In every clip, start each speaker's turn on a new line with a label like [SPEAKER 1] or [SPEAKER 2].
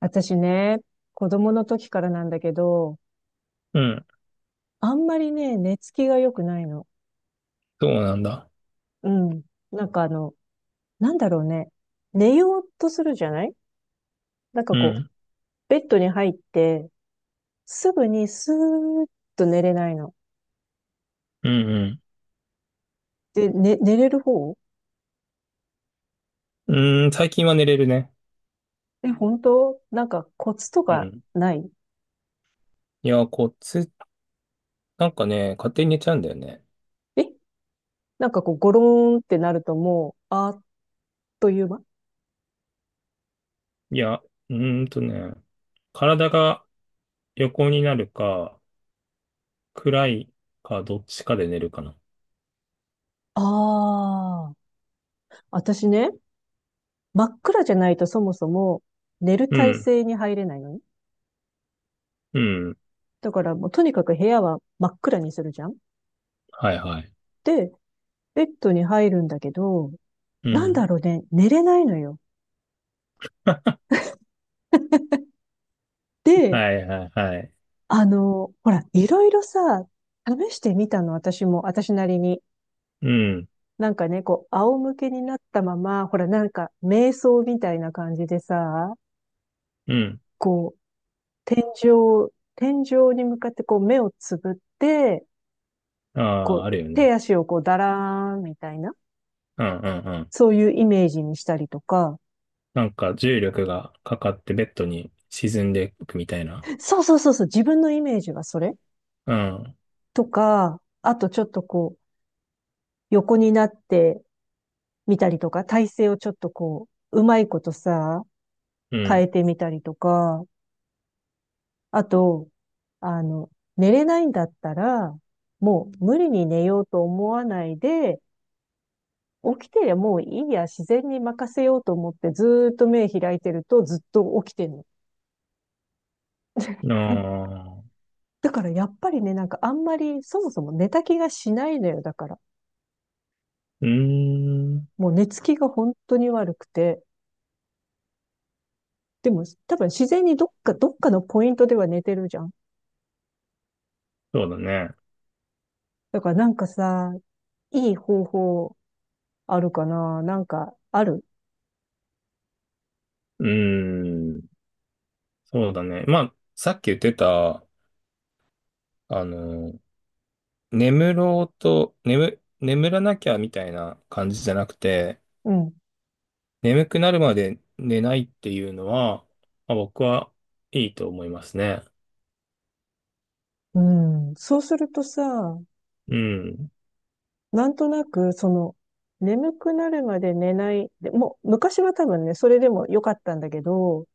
[SPEAKER 1] 私ね、子供の時からなんだけど、
[SPEAKER 2] うん。
[SPEAKER 1] あんまりね、寝つきが良くないの。
[SPEAKER 2] そうなんだ。
[SPEAKER 1] うん。なんかなんだろうね。寝ようとするじゃない？なんか
[SPEAKER 2] う
[SPEAKER 1] こう、
[SPEAKER 2] ん。
[SPEAKER 1] ベッドに入って、すぐにスーッと寝れないの。
[SPEAKER 2] うん
[SPEAKER 1] で、ね、寝れる方？
[SPEAKER 2] うん。うーん、最近は寝れるね。
[SPEAKER 1] え、本当？なんかコツと
[SPEAKER 2] う
[SPEAKER 1] か
[SPEAKER 2] ん。
[SPEAKER 1] ない？
[SPEAKER 2] いや、こっち、なんかね、勝手に寝ちゃうんだよね。
[SPEAKER 1] え、なんかこう、ゴローンってなるともう、あっという間。
[SPEAKER 2] いや、ーんとね、体が横になるか、暗いか、どっちかで寝るかな。
[SPEAKER 1] ああー。私ね、真っ暗じゃないとそもそも寝る
[SPEAKER 2] う
[SPEAKER 1] 体
[SPEAKER 2] ん。
[SPEAKER 1] 勢に入れないのね。
[SPEAKER 2] うん。
[SPEAKER 1] だからもうとにかく部屋は真っ暗にするじゃん。
[SPEAKER 2] はいはい。
[SPEAKER 1] で、ベッドに入るんだけど、
[SPEAKER 2] う
[SPEAKER 1] なんだ
[SPEAKER 2] ん。
[SPEAKER 1] ろうね、寝れないのよ。で、
[SPEAKER 2] はいはいはい。
[SPEAKER 1] ほら、いろいろさ、試してみたの、私も、私なりに。
[SPEAKER 2] うん。
[SPEAKER 1] なんかね、こう、仰向けになったまま、ほら、なんか、瞑想みたいな感じでさ、
[SPEAKER 2] うん。
[SPEAKER 1] こう、天井に向かってこう、目をつぶって、
[SPEAKER 2] あ
[SPEAKER 1] こ
[SPEAKER 2] あ、あ
[SPEAKER 1] う、
[SPEAKER 2] るよね。
[SPEAKER 1] 手足をこう、だらーんみたいな、
[SPEAKER 2] うんうんうん。
[SPEAKER 1] そういうイメージにしたりとか、
[SPEAKER 2] なんか重力がかかってベッドに沈んでいくみたいな。
[SPEAKER 1] そうそうそうそう、自分のイメージはそれ。
[SPEAKER 2] うん。
[SPEAKER 1] とか、あとちょっとこう、横になってみたりとか、体勢をちょっとこう、うまいことさ、
[SPEAKER 2] う
[SPEAKER 1] 変
[SPEAKER 2] ん。
[SPEAKER 1] えてみたりとか、あと、あの、寝れないんだったら、もう無理に寝ようと思わないで、起きてりゃもういいや、自然に任せようと思ってずーっと目開いてるとずっと起きてんの。
[SPEAKER 2] あ あ。
[SPEAKER 1] だからやっぱりね、なんかあんまりそもそも寝た気がしないのよ、だから。
[SPEAKER 2] うーん、
[SPEAKER 1] もう寝つきが本当に悪くて。でも、多分自然にどっかのポイントでは寝てるじゃん。
[SPEAKER 2] そうだね。
[SPEAKER 1] だからなんかさ、いい方法あるかな？なんか、ある？
[SPEAKER 2] うーん、そうだね。まあ、さっき言ってた、あの、眠ろうと、眠、眠らなきゃみたいな感じじゃなくて、
[SPEAKER 1] うん。
[SPEAKER 2] 眠くなるまで寝ないっていうのは、まあ、僕はいいと思いますね。
[SPEAKER 1] うん。そうするとさ、
[SPEAKER 2] うん、
[SPEAKER 1] なんとなく、その、眠くなるまで寝ない。でもう、昔は多分ね、それでも良かったんだけど、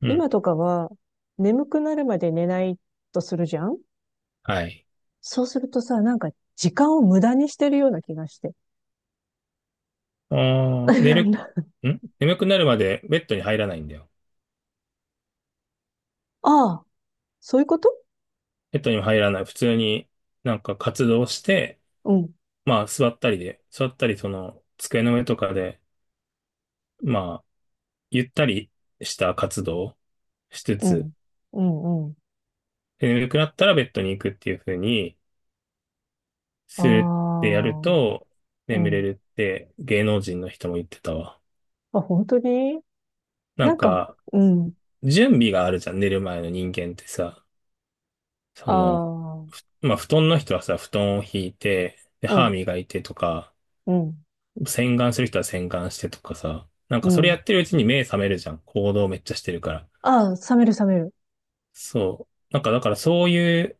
[SPEAKER 2] うん、
[SPEAKER 1] 今とかは、眠くなるまで寝ないとするじゃん。
[SPEAKER 2] はい。
[SPEAKER 1] そうするとさ、なんか、時間を無駄にしてるような気がして。
[SPEAKER 2] ああ、寝る、ん眠くなるまでベッドに入らないんだよ。
[SPEAKER 1] ああ、そういうこと？
[SPEAKER 2] ベッドにも入らない。普通になんか活動して、
[SPEAKER 1] うん、
[SPEAKER 2] まあ座ったりその机の上とかで、まあ、ゆったりした活動をしつ
[SPEAKER 1] う
[SPEAKER 2] つ、
[SPEAKER 1] ん、うん、うん。
[SPEAKER 2] で眠くなったらベッドに行くっていう風に
[SPEAKER 1] あ
[SPEAKER 2] するってやる
[SPEAKER 1] あ、
[SPEAKER 2] と、
[SPEAKER 1] う
[SPEAKER 2] 眠れ
[SPEAKER 1] ん。
[SPEAKER 2] るって芸能人の人も言ってたわ。
[SPEAKER 1] あ、本当？に
[SPEAKER 2] なん
[SPEAKER 1] なんか、
[SPEAKER 2] か、
[SPEAKER 1] うん。
[SPEAKER 2] 準備があるじゃん、寝る前の人間ってさ。そ
[SPEAKER 1] あ
[SPEAKER 2] の、
[SPEAKER 1] あ、
[SPEAKER 2] まあ、布団の人はさ、布団を敷いて、で、
[SPEAKER 1] う
[SPEAKER 2] 歯
[SPEAKER 1] ん、
[SPEAKER 2] 磨いてとか、
[SPEAKER 1] うん、
[SPEAKER 2] 洗顔する人は洗顔してとかさ。なん
[SPEAKER 1] う
[SPEAKER 2] かそれや
[SPEAKER 1] ん。
[SPEAKER 2] ってるうちに目覚めるじゃん。行動めっちゃしてるから。
[SPEAKER 1] ああ、冷める冷める。
[SPEAKER 2] そう。なんかだからそういう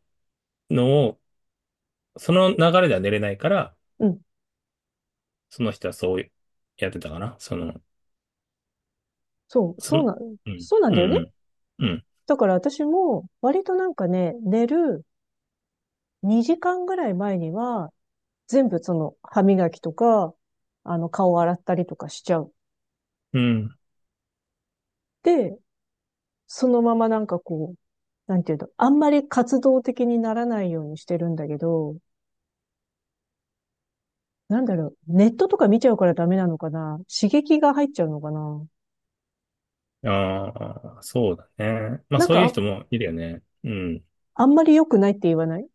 [SPEAKER 2] のをその流れでは寝れないから、
[SPEAKER 1] うん。
[SPEAKER 2] その人はそうやってたかな。
[SPEAKER 1] そう、
[SPEAKER 2] そ
[SPEAKER 1] そう
[SPEAKER 2] の、
[SPEAKER 1] なん、
[SPEAKER 2] うん、
[SPEAKER 1] そうなん
[SPEAKER 2] う
[SPEAKER 1] だよね。
[SPEAKER 2] ん、うん、
[SPEAKER 1] だから私も割となんかね、寝る2時間ぐらい前には、全部その歯磨きとか、あの顔洗ったりとかしちゃう。
[SPEAKER 2] うん。うん。
[SPEAKER 1] で、そのままなんかこう、なんていうの、あんまり活動的にならないようにしてるんだけど、なんだろう、ネットとか見ちゃうからダメなのかな？刺激が入っちゃうのかな？
[SPEAKER 2] ああ、そうだね。まあ
[SPEAKER 1] なん
[SPEAKER 2] そう
[SPEAKER 1] か
[SPEAKER 2] いう
[SPEAKER 1] あ、
[SPEAKER 2] 人もいるよね。うん、
[SPEAKER 1] あんまり良くないって言わない？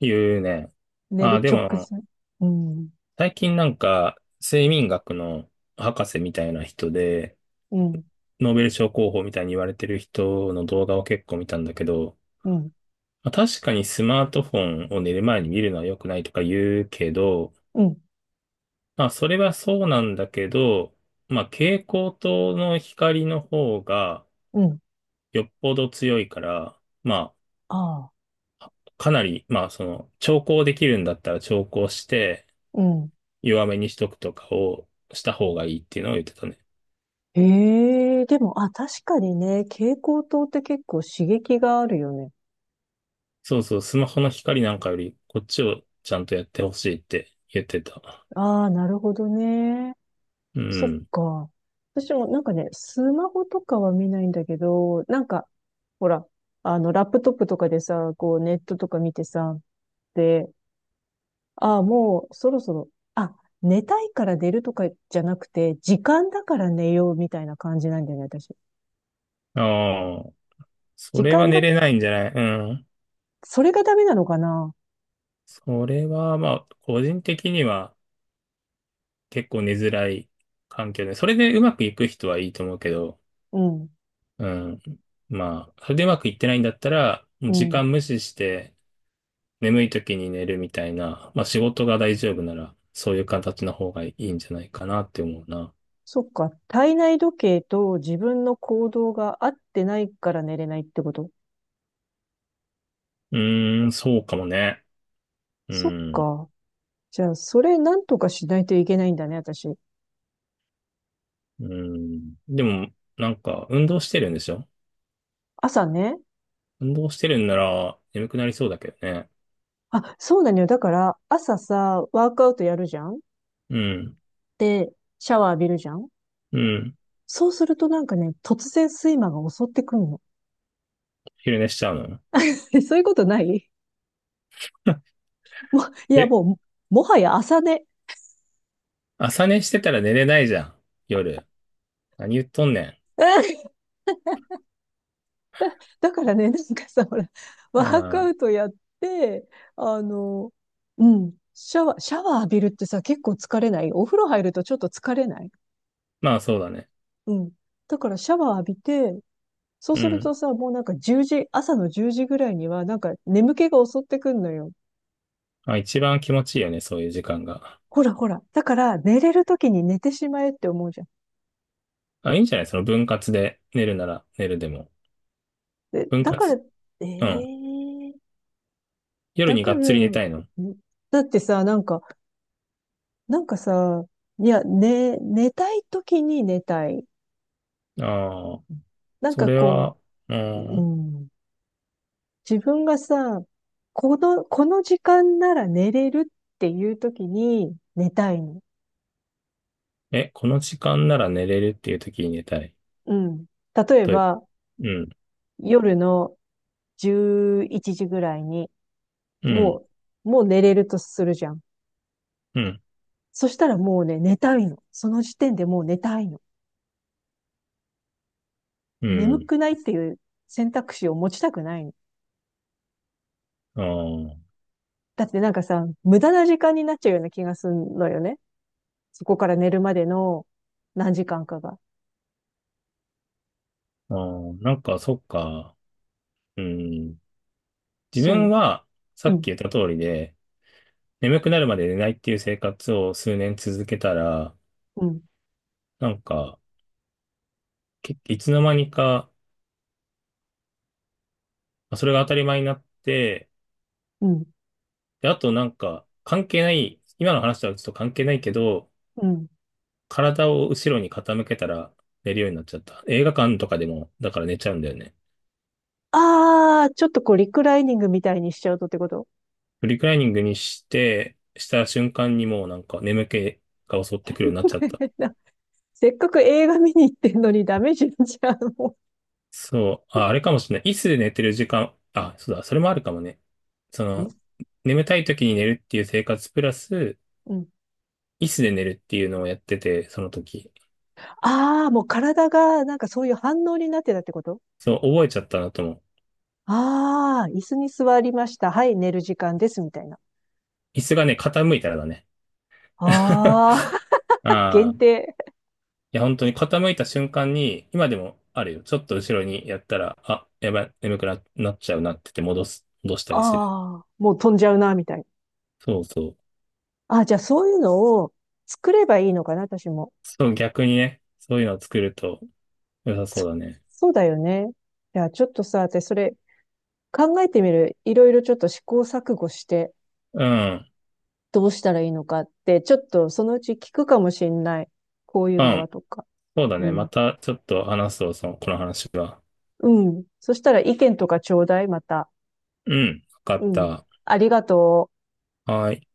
[SPEAKER 2] いうね。
[SPEAKER 1] 寝
[SPEAKER 2] ああ、
[SPEAKER 1] る
[SPEAKER 2] で
[SPEAKER 1] 直
[SPEAKER 2] も、
[SPEAKER 1] 前。うん、
[SPEAKER 2] 最近なんか、睡眠学の博士みたいな人で、
[SPEAKER 1] うん、
[SPEAKER 2] ノーベル賞候補みたいに言われてる人の動画を結構見たんだけど、
[SPEAKER 1] うん、
[SPEAKER 2] まあ確かにスマートフォンを寝る前に見るのは良くないとか言うけど、
[SPEAKER 1] うん、
[SPEAKER 2] まあ、それはそうなんだけど、まあ、蛍光灯の光の方が
[SPEAKER 1] うん、
[SPEAKER 2] よっぽど強いから、ま
[SPEAKER 1] ああ、
[SPEAKER 2] あ、かなり、まあ、調光できるんだったら調光して、
[SPEAKER 1] うん。
[SPEAKER 2] 弱めにしとくとかをした方がいいっていうのを言ってたね。
[SPEAKER 1] ええでも、あ、確かにね、蛍光灯って結構刺激があるよね。
[SPEAKER 2] そうそう、スマホの光なんかより、こっちをちゃんとやってほしいって言ってた。
[SPEAKER 1] ああ、なるほどね。
[SPEAKER 2] う
[SPEAKER 1] そっ
[SPEAKER 2] ん。
[SPEAKER 1] か。私もなんかね、スマホとかは見ないんだけど、なんか、ほら、あの、ラップトップとかでさ、こう、ネットとか見てさ、で、ああ、もうそろそろ、あ、寝たいから寝るとかじゃなくて、時間だから寝ようみたいな感じなんだなね、私。
[SPEAKER 2] ああ、そ
[SPEAKER 1] 時
[SPEAKER 2] れ
[SPEAKER 1] 間
[SPEAKER 2] は寝
[SPEAKER 1] だ、
[SPEAKER 2] れないんじゃない？うん。
[SPEAKER 1] それがダメなのかな？
[SPEAKER 2] それは、まあ、個人的には、結構寝づらい環境で、それでうまくいく人はいいと思うけど、
[SPEAKER 1] うん、
[SPEAKER 2] うん。まあ、それでうまくいってないんだったら、もう
[SPEAKER 1] う
[SPEAKER 2] 時
[SPEAKER 1] ん。
[SPEAKER 2] 間無視して眠い時に寝るみたいな、まあ仕事が大丈夫なら、そういう形の方がいいんじゃないかなって思うな。
[SPEAKER 1] そっか、体内時計と自分の行動が合ってないから寝れないってこと？
[SPEAKER 2] うーん、そうかもね。う
[SPEAKER 1] そっ
[SPEAKER 2] ん。
[SPEAKER 1] か。じゃあ、それなんとかしないといけないんだね、私。
[SPEAKER 2] うん。でも、なんか、運動してるんでしょ？
[SPEAKER 1] 朝ね。
[SPEAKER 2] 運動してるんなら、眠くなりそうだけどね。
[SPEAKER 1] あ、そうなのよ。だから、朝さ、ワークアウトやるじゃん。
[SPEAKER 2] うん。
[SPEAKER 1] で、シャワー浴びるじゃん。
[SPEAKER 2] うん。
[SPEAKER 1] そうするとなんかね、突然睡魔が襲ってくるの。
[SPEAKER 2] 昼寝しちゃうの？
[SPEAKER 1] え、そういうことない？いや、
[SPEAKER 2] え、
[SPEAKER 1] もう、もはや朝寝。
[SPEAKER 2] 朝寝してたら寝れないじゃん。夜。何言っとんね
[SPEAKER 1] だからね、なんかさ、ほら、
[SPEAKER 2] ん。
[SPEAKER 1] ワ
[SPEAKER 2] う
[SPEAKER 1] ークア
[SPEAKER 2] ん。
[SPEAKER 1] ウトやって、あの、うん、シャワー浴びるってさ、結構疲れない？お風呂入るとちょっと疲れない？
[SPEAKER 2] まあそうだね。
[SPEAKER 1] うん。だからシャワー浴びて、そう
[SPEAKER 2] う
[SPEAKER 1] すると
[SPEAKER 2] ん。
[SPEAKER 1] さ、もうなんか10時、朝の10時ぐらいには、なんか眠気が襲ってくんのよ。
[SPEAKER 2] まあ、一番気持ちいいよね、そういう時間が。
[SPEAKER 1] ほらほら。だから、寝れる時に寝てしまえって思うじゃん。
[SPEAKER 2] あ、いいんじゃない？その分割で寝るなら寝るでも。
[SPEAKER 1] で、
[SPEAKER 2] 分
[SPEAKER 1] だから、
[SPEAKER 2] 割、
[SPEAKER 1] え
[SPEAKER 2] うん。
[SPEAKER 1] え
[SPEAKER 2] 夜
[SPEAKER 1] だ
[SPEAKER 2] に
[SPEAKER 1] から、
[SPEAKER 2] がっつり寝たいの。
[SPEAKER 1] だってさ、なんかさ、いや、寝たい時に寝たい。
[SPEAKER 2] ああ、
[SPEAKER 1] なん
[SPEAKER 2] そ
[SPEAKER 1] か
[SPEAKER 2] れ
[SPEAKER 1] こ
[SPEAKER 2] は、う
[SPEAKER 1] う、う
[SPEAKER 2] ん。
[SPEAKER 1] ん、自分がさ、この時間なら寝れるっていう時に寝たいの。
[SPEAKER 2] え、この時間なら寝れるっていう時に寝たい。
[SPEAKER 1] うん。例え
[SPEAKER 2] という、
[SPEAKER 1] ば、
[SPEAKER 2] うん、
[SPEAKER 1] 夜の11時ぐらいに、
[SPEAKER 2] うん、
[SPEAKER 1] ももう寝れるとするじゃん。
[SPEAKER 2] うん、
[SPEAKER 1] そしたらもうね、寝たいの。その時点でもう寝たいの。
[SPEAKER 2] う
[SPEAKER 1] 眠
[SPEAKER 2] ん。
[SPEAKER 1] くないっていう選択肢を持ちたくないの。
[SPEAKER 2] あ
[SPEAKER 1] だってなんかさ、無駄な時間になっちゃうような気がするのよね。そこから寝るまでの何時間かが。
[SPEAKER 2] あ、ああ。なんかそっか。うん。自
[SPEAKER 1] そ
[SPEAKER 2] 分
[SPEAKER 1] う。
[SPEAKER 2] は、さ
[SPEAKER 1] う
[SPEAKER 2] っき
[SPEAKER 1] ん、
[SPEAKER 2] 言った通りで、眠くなるまで寝ないっていう生活を数年続けたら、
[SPEAKER 1] うん、
[SPEAKER 2] なんか、いつの間にか、まあそれが当たり前になって、
[SPEAKER 1] うん、
[SPEAKER 2] で、あとなんか、関係ない、今の話とはちょっと関係ないけど、
[SPEAKER 1] うん。
[SPEAKER 2] 体を後ろに傾けたら寝るようになっちゃった。映画館とかでも、だから寝ちゃうんだよね。
[SPEAKER 1] ああ、ちょっとこう、リクライニングみたいにしちゃうとってこと？
[SPEAKER 2] フリクライニングにして、した瞬間にもうなんか眠気が襲ってくるようになっちゃった。
[SPEAKER 1] せっかく映画見に行ってんのにダメじゃん、じゃあも
[SPEAKER 2] そう、あ、あれかもしれない。椅子で寝てる時間、あ、そうだ、それもあるかもね。そ
[SPEAKER 1] う。え
[SPEAKER 2] の、眠たい時に寝るっていう生活プラス、
[SPEAKER 1] うん。
[SPEAKER 2] 椅子で寝るっていうのをやってて、その時。
[SPEAKER 1] ああ、もう体がなんかそういう反応になってたってこと？
[SPEAKER 2] そう、覚えちゃったなと思う。
[SPEAKER 1] ああー、椅子に座りました。はい、寝る時間です、みたいな。
[SPEAKER 2] 椅子がね、傾いたらだね。
[SPEAKER 1] ああ、
[SPEAKER 2] ああ。
[SPEAKER 1] 限定。
[SPEAKER 2] いや、本当に傾いた瞬間に、今でもあるよ。ちょっと後ろにやったら、あ、やばい、眠くな、なっちゃうなって言って戻したりする。
[SPEAKER 1] ああ、もう飛んじゃうな、みたいな。
[SPEAKER 2] そうそう。
[SPEAKER 1] ああ、じゃあそういうのを作ればいいのかな、私も。
[SPEAKER 2] そう、逆にね、そういうのを作ると良さそ
[SPEAKER 1] そ
[SPEAKER 2] うだね。
[SPEAKER 1] そうだよね。いや、ちょっとさ、私それ考えてみる。いろいろちょっと試行錯誤して
[SPEAKER 2] うん。
[SPEAKER 1] どうしたらいいのかって、ちょっとそのうち聞くかもしんない。こういう
[SPEAKER 2] う
[SPEAKER 1] のは
[SPEAKER 2] ん。
[SPEAKER 1] とか。
[SPEAKER 2] そうだ
[SPEAKER 1] う
[SPEAKER 2] ね。
[SPEAKER 1] ん。
[SPEAKER 2] またちょっと話そう、この話は。
[SPEAKER 1] うん。そしたら意見とかちょうだい、また。
[SPEAKER 2] うん。わか
[SPEAKER 1] う
[SPEAKER 2] っ
[SPEAKER 1] ん。
[SPEAKER 2] た。
[SPEAKER 1] ありがとう。
[SPEAKER 2] はい。